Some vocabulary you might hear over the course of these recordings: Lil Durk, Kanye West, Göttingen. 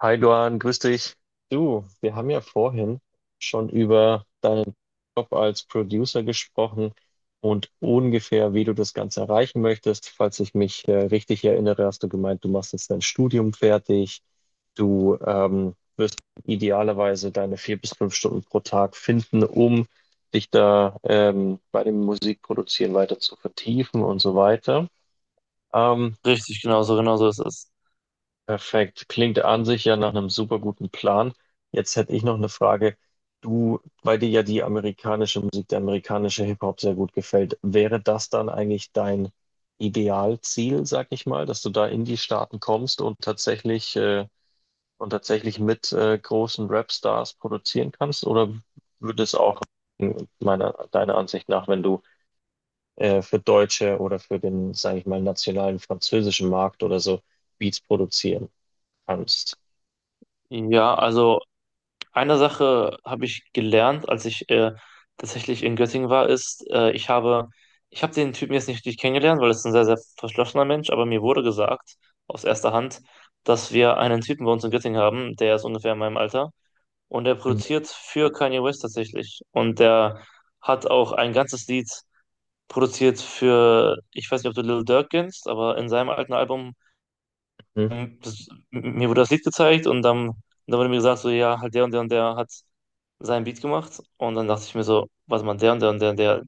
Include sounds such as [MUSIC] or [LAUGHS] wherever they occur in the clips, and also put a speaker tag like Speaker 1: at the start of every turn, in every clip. Speaker 1: Hi Luan, grüß dich. Du, wir haben ja vorhin schon über deinen Job als Producer gesprochen und ungefähr, wie du das Ganze erreichen möchtest. Falls ich mich richtig erinnere, hast du gemeint, du machst jetzt dein Studium fertig. Du idealerweise deine 4 bis 5 Stunden pro Tag finden, um dich da bei dem Musikproduzieren weiter zu vertiefen und so weiter. Ähm,
Speaker 2: Richtig, genau so, genau so ist es.
Speaker 1: Perfekt. Klingt an sich ja nach einem super guten Plan. Jetzt hätte ich noch eine Frage. Du, weil dir ja die amerikanische Musik, der amerikanische Hip-Hop sehr gut gefällt, wäre das dann eigentlich dein Idealziel, sag ich mal, dass du da in die Staaten kommst und tatsächlich mit großen Rap-Stars produzieren kannst? Oder würde es auch deiner Ansicht nach, wenn du für deutsche oder für den, sage ich mal, nationalen französischen Markt oder so Beats produzieren kannst?
Speaker 2: Ja, also eine Sache habe ich gelernt, als ich tatsächlich in Göttingen war, ist, ich habe den Typen jetzt nicht richtig kennengelernt, weil es ein sehr, sehr verschlossener Mensch, aber mir wurde gesagt, aus erster Hand, dass wir einen Typen bei uns in Göttingen haben, der ist ungefähr in meinem Alter und der
Speaker 1: Mhm.
Speaker 2: produziert für Kanye West tatsächlich. Und der hat auch ein ganzes Lied produziert für, ich weiß nicht, ob du Lil Durk kennst, aber in seinem alten Album das, mir wurde das Lied gezeigt und dann, dann wurde mir gesagt, so, ja, halt der und der und der hat seinen Beat gemacht. Und dann dachte ich mir so, warte mal, der und der und der und der,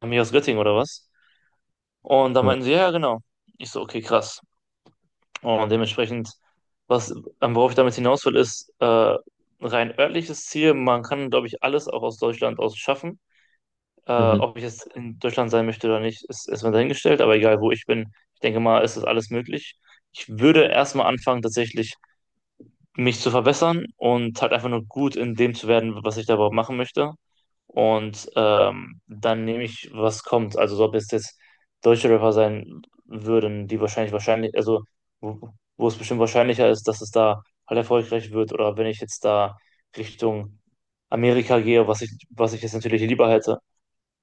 Speaker 2: haben mich aus Göttingen oder was? Und dann
Speaker 1: Mhm.
Speaker 2: meinten sie, ja, ja, genau. Ich so, okay, krass. Und dementsprechend, was, worauf ich damit hinaus will, ist rein örtliches Ziel. Man kann, glaube ich, alles auch aus Deutschland aus schaffen.
Speaker 1: Mhm.
Speaker 2: Ob ich jetzt in Deutschland sein möchte oder nicht, ist erstmal dahingestellt. Aber egal, wo ich bin, ich denke mal, ist das alles möglich. Ich würde erstmal anfangen, tatsächlich mich zu verbessern und halt einfach nur gut in dem zu werden, was ich da überhaupt machen möchte. Und dann nehme ich, was kommt. Also so, ob es jetzt deutsche Rapper sein würden, die wahrscheinlich, also wo, wo es bestimmt wahrscheinlicher ist, dass es da halt erfolgreich wird, oder wenn ich jetzt da Richtung Amerika gehe, was ich jetzt natürlich lieber hätte,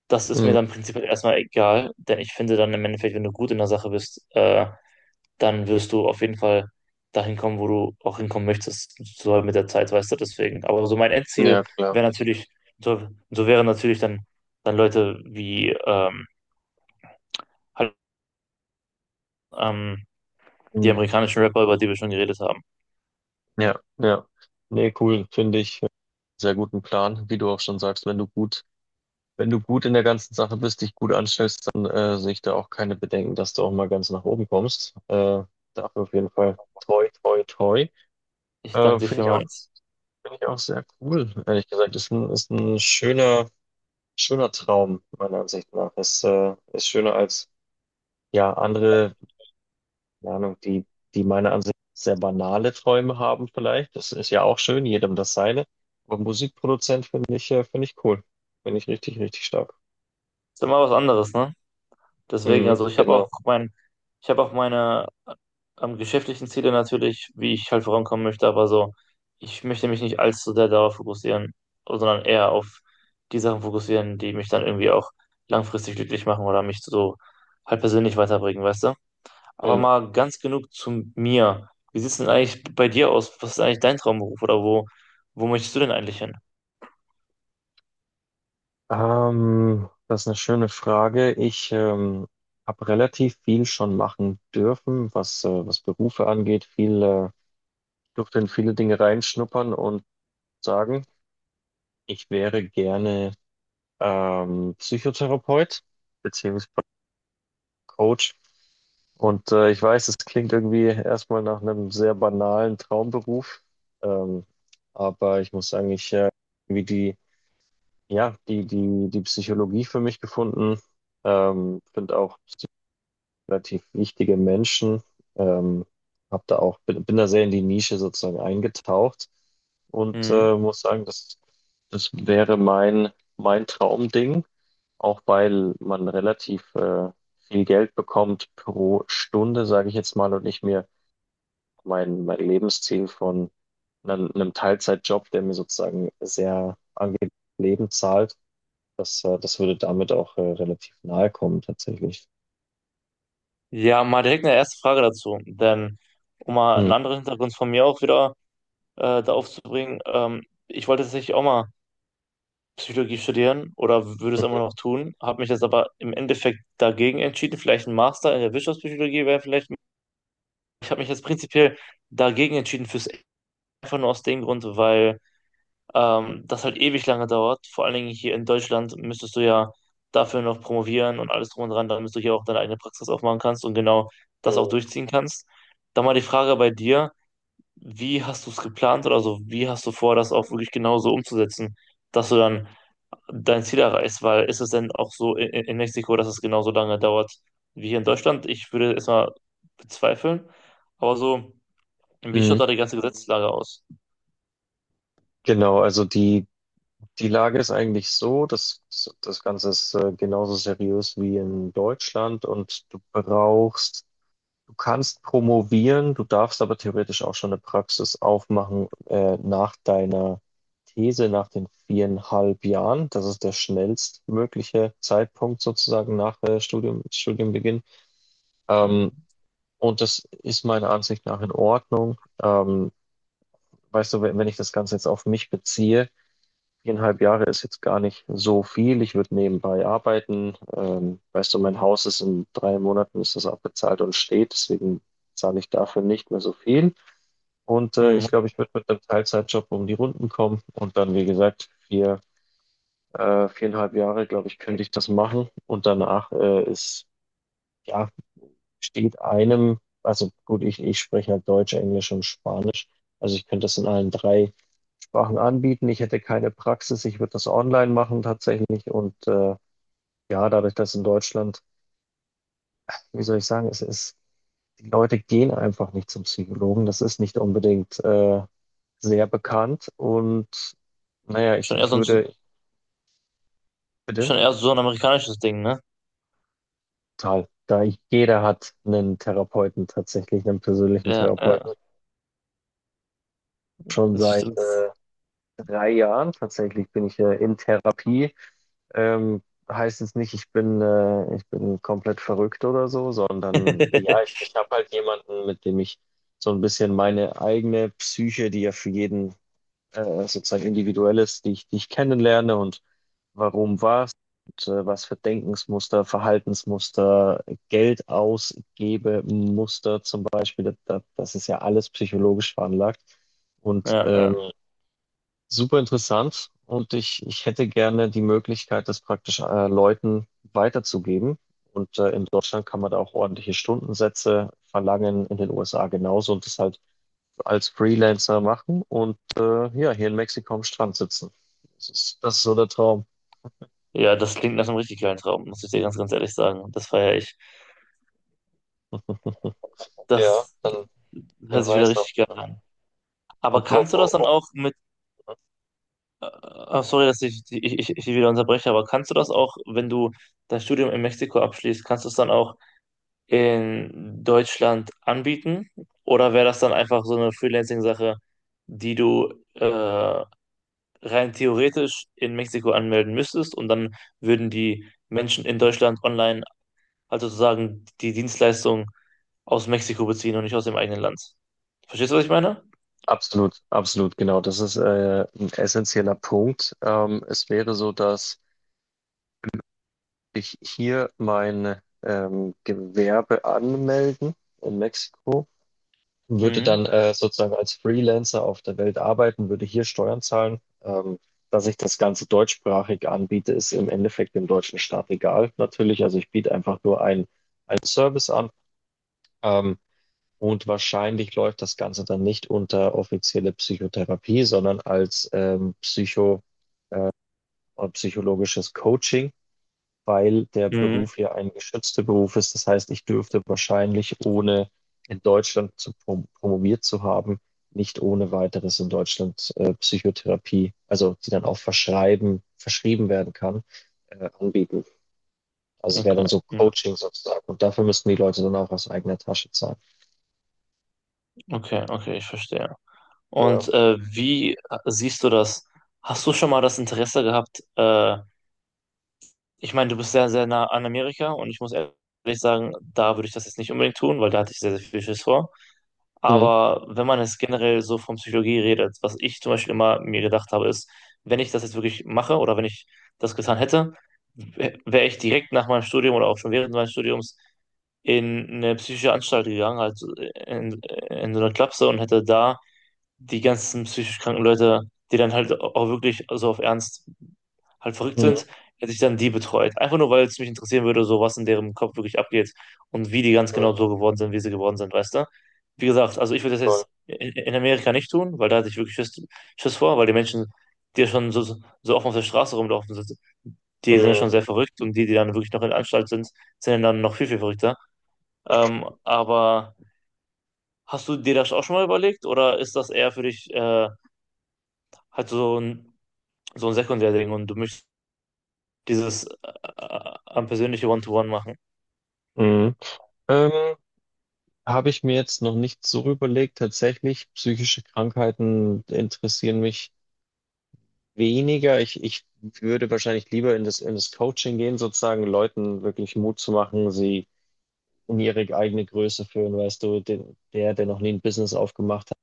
Speaker 2: das ist mir
Speaker 1: Mhm.
Speaker 2: dann prinzipiell erstmal egal, denn ich finde dann im Endeffekt, wenn du gut in der Sache bist, dann wirst du auf jeden Fall dahin kommen, wo du auch hinkommen möchtest, so halt mit der Zeit, weißt du, deswegen. Aber so mein Endziel
Speaker 1: Ja, klar.
Speaker 2: wäre natürlich, so, so wären natürlich dann, dann Leute wie halt, ähm, die
Speaker 1: Mhm.
Speaker 2: amerikanischen Rapper, über die wir schon geredet haben.
Speaker 1: Ja, ja. Nee, cool. Finde ich sehr guten Plan. Wie du auch schon sagst, wenn du gut in der ganzen Sache bist, dich gut anstellst, dann sehe ich da auch keine Bedenken, dass du auch mal ganz nach oben kommst. Dafür auf jeden Fall toi, toi, toi.
Speaker 2: Ich danke
Speaker 1: Äh,
Speaker 2: dir
Speaker 1: finde ich auch,
Speaker 2: vielmals.
Speaker 1: finde ich auch sehr cool. Ehrlich gesagt, ist ein schöner Traum, meiner Ansicht nach. Ist schöner als, ja, andere keine Ahnung, die meiner Ansicht nach sehr banale Träume haben vielleicht. Das ist ja auch schön, jedem das seine. Aber Musikproduzent finde ich cool. Finde ich richtig, richtig stark.
Speaker 2: Ist immer was anderes, ne? Deswegen,
Speaker 1: Mhm,
Speaker 2: also
Speaker 1: genau.
Speaker 2: ich habe auch meine geschäftlichen Ziele natürlich, wie ich halt vorankommen möchte, aber so, ich möchte mich nicht allzu sehr darauf fokussieren, sondern eher auf die Sachen fokussieren, die mich dann irgendwie auch langfristig glücklich machen oder mich so halt persönlich weiterbringen, weißt du? Aber
Speaker 1: Mhm.
Speaker 2: mal ganz genug zu mir. Wie sieht's denn eigentlich bei dir aus? Was ist eigentlich dein Traumberuf oder wo, wo möchtest du denn eigentlich hin?
Speaker 1: Das ist eine schöne Frage. Ich habe relativ viel schon machen dürfen, was Berufe angeht. Durfte in viele Dinge reinschnuppern und sagen, ich wäre gerne Psychotherapeut beziehungsweise Coach. Und ich weiß, es klingt irgendwie erstmal nach einem sehr banalen Traumberuf, ähm, aber ich muss sagen, ich irgendwie die, ja, die, die, die Psychologie für mich gefunden, finde auch relativ wichtige Menschen. Ähm, hab da auch, bin da sehr in die Nische sozusagen eingetaucht und
Speaker 2: Mhm.
Speaker 1: muss sagen, das wäre mein Traumding, auch weil man relativ viel Geld bekommt pro Stunde, sage ich jetzt mal, und ich mir mein Lebensziel von einem Teilzeitjob, der mir sozusagen sehr angenehm Leben zahlt, das würde damit auch relativ nahe kommen tatsächlich.
Speaker 2: Ja, mal direkt eine erste Frage dazu, denn um mal einen
Speaker 1: Mhm.
Speaker 2: anderen Hintergrund von mir auch wieder da aufzubringen. Ich wollte tatsächlich auch mal Psychologie studieren oder würde es immer
Speaker 1: Mhm.
Speaker 2: noch tun, habe mich jetzt aber im Endeffekt dagegen entschieden. Vielleicht ein Master in der Wirtschaftspsychologie wäre vielleicht. Ich habe mich jetzt prinzipiell dagegen entschieden fürs einfach nur aus dem Grund, weil das halt ewig lange dauert. Vor allen Dingen hier in Deutschland müsstest du ja dafür noch promovieren und alles drum und dran, damit du hier auch deine eigene Praxis aufmachen kannst und genau das auch durchziehen kannst. Dann mal die Frage bei dir. Wie hast du es geplant oder so? Wie hast du vor, das auch wirklich genauso umzusetzen, dass du dann dein Ziel erreichst? Weil ist es denn auch so in Mexiko, dass es genauso lange dauert wie hier in Deutschland? Ich würde es mal bezweifeln. Aber so, wie schaut
Speaker 1: Mhm.
Speaker 2: da die ganze Gesetzeslage aus?
Speaker 1: Genau, also die Lage ist eigentlich so, dass das Ganze ist genauso seriös wie in Deutschland und du brauchst, du kannst promovieren, du darfst aber theoretisch auch schon eine Praxis aufmachen nach deiner These, nach den 4,5 Jahren. Das ist der schnellstmögliche Zeitpunkt sozusagen nach Studienbeginn. Ähm,
Speaker 2: Mhm.
Speaker 1: und das ist meiner Ansicht nach in Ordnung. Weißt du, wenn ich das Ganze jetzt auf mich beziehe, 4,5 Jahre ist jetzt gar nicht so viel. Ich würde nebenbei arbeiten. Weißt du, mein Haus ist in drei Monaten ist das abbezahlt und steht, deswegen zahle ich dafür nicht mehr so viel. Und ich
Speaker 2: Mhm.
Speaker 1: glaube, ich würde mit einem Teilzeitjob um die Runden kommen und dann, wie gesagt, 4,5 Jahre, glaube ich, könnte ich das machen. Und danach ja, steht einem, also gut, ich spreche halt Deutsch, Englisch und Spanisch. Also ich könnte das in allen drei Sachen anbieten. Ich hätte keine Praxis, ich würde das online machen tatsächlich. Und ja, dadurch, dass in Deutschland, wie soll ich sagen, die Leute gehen einfach nicht zum Psychologen. Das ist nicht unbedingt sehr bekannt. Und naja,
Speaker 2: Schon eher so ein,
Speaker 1: bitte,
Speaker 2: schon eher so ein amerikanisches Ding, ne?
Speaker 1: total. Jeder hat einen Therapeuten tatsächlich, einen persönlichen
Speaker 2: Ja, ja,
Speaker 1: Therapeuten, schon
Speaker 2: das
Speaker 1: seit
Speaker 2: stimmt.
Speaker 1: 3 Jahren tatsächlich bin ich in Therapie. Ähm, heißt jetzt nicht, ich bin komplett verrückt oder so,
Speaker 2: [LAUGHS]
Speaker 1: sondern ja, ich habe halt jemanden, mit dem ich so ein bisschen meine eigene Psyche, die ja für jeden sozusagen individuell ist, die ich kennenlerne und warum was und was für Denkensmuster, Verhaltensmuster, Geld ausgebe Muster zum Beispiel, das ist ja alles psychologisch veranlagt. Und
Speaker 2: Ja, ja.
Speaker 1: super interessant und ich hätte gerne die Möglichkeit, das praktisch Leuten weiterzugeben. Und in Deutschland kann man da auch ordentliche Stundensätze verlangen, in den USA genauso und das halt als Freelancer machen und ja, hier in Mexiko am Strand sitzen. Das ist so der Traum.
Speaker 2: Ja, das klingt nach einem richtig geilen Traum, muss ich dir ganz, ganz ehrlich sagen. Das feiere ich.
Speaker 1: Ja,
Speaker 2: Das, das
Speaker 1: dann
Speaker 2: hört
Speaker 1: wer
Speaker 2: sich wieder
Speaker 1: weiß noch,
Speaker 2: richtig geil an. Aber
Speaker 1: ob, ob,
Speaker 2: kannst du das dann
Speaker 1: ob.
Speaker 2: auch mit, sorry, dass ich wieder unterbreche, aber kannst du das auch, wenn du dein Studium in Mexiko abschließt, kannst du es dann auch in Deutschland anbieten? Oder wäre das dann einfach so eine Freelancing-Sache, die du rein theoretisch in Mexiko anmelden müsstest und dann würden die Menschen in Deutschland online, also sozusagen die Dienstleistung aus Mexiko beziehen und nicht aus dem eigenen Land? Verstehst du, was ich meine?
Speaker 1: Absolut, absolut, genau. Das ist ein essentieller Punkt. Es wäre so, dass ich hier mein Gewerbe anmelden in Mexiko, würde
Speaker 2: Mhm.
Speaker 1: dann sozusagen als Freelancer auf der Welt arbeiten, würde hier Steuern zahlen. Dass ich das Ganze deutschsprachig anbiete, ist im Endeffekt dem deutschen Staat egal, natürlich. Also ich biete einfach nur ein Service an. Ähm, und wahrscheinlich läuft das Ganze dann nicht unter offizielle Psychotherapie, sondern als psychologisches Coaching. Weil der
Speaker 2: Mhm.
Speaker 1: Beruf ja ein geschützter Beruf ist. Das heißt, ich dürfte wahrscheinlich, ohne in Deutschland zu promoviert zu haben, nicht ohne weiteres in Deutschland Psychotherapie, also die dann auch verschrieben werden kann, anbieten. Also es wäre
Speaker 2: Okay.
Speaker 1: dann so
Speaker 2: Mhm.
Speaker 1: Coaching sozusagen. Und dafür müssten die Leute dann auch aus eigener Tasche zahlen.
Speaker 2: Okay, okay, ich verstehe.
Speaker 1: Ja.
Speaker 2: Und wie siehst du das? Hast du schon mal das Interesse gehabt? Ich meine, du bist sehr, sehr nah an Amerika und ich muss ehrlich sagen, da würde ich das jetzt nicht unbedingt tun, weil da hatte ich sehr, sehr viel Schiss vor.
Speaker 1: Mhm.
Speaker 2: Aber wenn man jetzt generell so von Psychologie redet, was ich zum Beispiel immer mir gedacht habe, ist, wenn ich das jetzt wirklich mache oder wenn ich das getan hätte, wäre ich direkt nach meinem Studium oder auch schon während meines Studiums in eine psychische Anstalt gegangen, halt in, in so eine Klapse und hätte da die ganzen psychisch kranken Leute, die dann halt auch wirklich so auf Ernst halt verrückt
Speaker 1: Mhm.
Speaker 2: sind, hätte ich dann die betreut. Einfach nur, weil es mich interessieren würde, so was in deren Kopf wirklich abgeht und wie die ganz genau
Speaker 1: Mhm.
Speaker 2: so geworden sind, wie sie geworden sind, weißt du? Wie gesagt, also ich würde das jetzt
Speaker 1: Voll.
Speaker 2: in Amerika nicht tun, weil da hatte ich wirklich Schiss vor, weil die Menschen, die ja schon so, so offen auf der Straße rumlaufen sind, die sind ja
Speaker 1: Mhm.
Speaker 2: schon sehr verrückt und die, die dann wirklich noch in der Anstalt sind, sind ja dann noch viel, viel verrückter. Aber hast du dir das auch schon mal überlegt oder ist das eher für dich halt so ein Sekundärding und du möchtest dieses am persönliche One-to-One machen.
Speaker 1: Mhm. Ähm, habe ich mir jetzt noch nicht so überlegt. Tatsächlich, psychische Krankheiten interessieren mich weniger, ich würde wahrscheinlich lieber in das Coaching gehen, sozusagen Leuten wirklich Mut zu machen, sie in ihre eigene Größe führen, weißt du, der noch nie ein Business aufgemacht hat,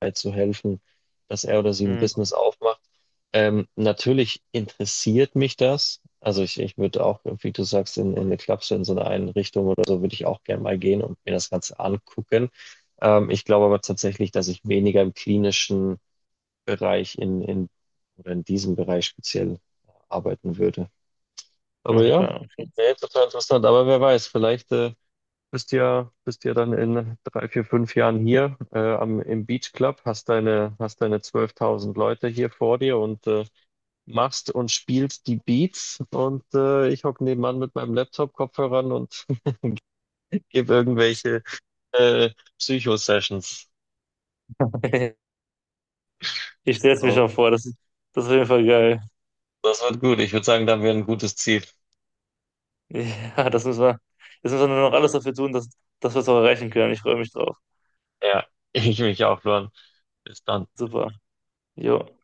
Speaker 1: halt zu helfen, dass er oder sie ein
Speaker 2: Hm,
Speaker 1: Business aufmacht. Natürlich interessiert mich das. Also ich würde auch, wie du sagst, in eine Klapse, in so eine Einrichtung oder so, würde ich auch gerne mal gehen und mir das Ganze angucken. Ich glaube aber tatsächlich, dass ich weniger im klinischen Bereich in oder in diesem Bereich speziell arbeiten würde. Aber ja,
Speaker 2: okay,
Speaker 1: nee, total interessant. Aber wer weiß, vielleicht bist ja dann in 3, 4, 5 Jahren hier im Beach Club, hast deine 12.000 Leute hier vor dir und machst und spielst die Beats und ich hocke nebenan mit meinem Laptop-Kopfhörern und [LAUGHS] gebe irgendwelche äh, Psycho-Sessions.
Speaker 2: okay. [LAUGHS] Ich stelle es mir
Speaker 1: So,
Speaker 2: schon vor, das, das ist auf jeden Fall geil.
Speaker 1: das wird gut. Ich würde sagen, da haben wir ein gutes Ziel.
Speaker 2: Ja, das müssen wir, jetzt müssen wir nur noch alles dafür tun, dass, dass wir es auch erreichen können. Ich freue mich drauf.
Speaker 1: Ja, [LAUGHS] ich mich auch, Luan. Bis dann.
Speaker 2: Super. Jo.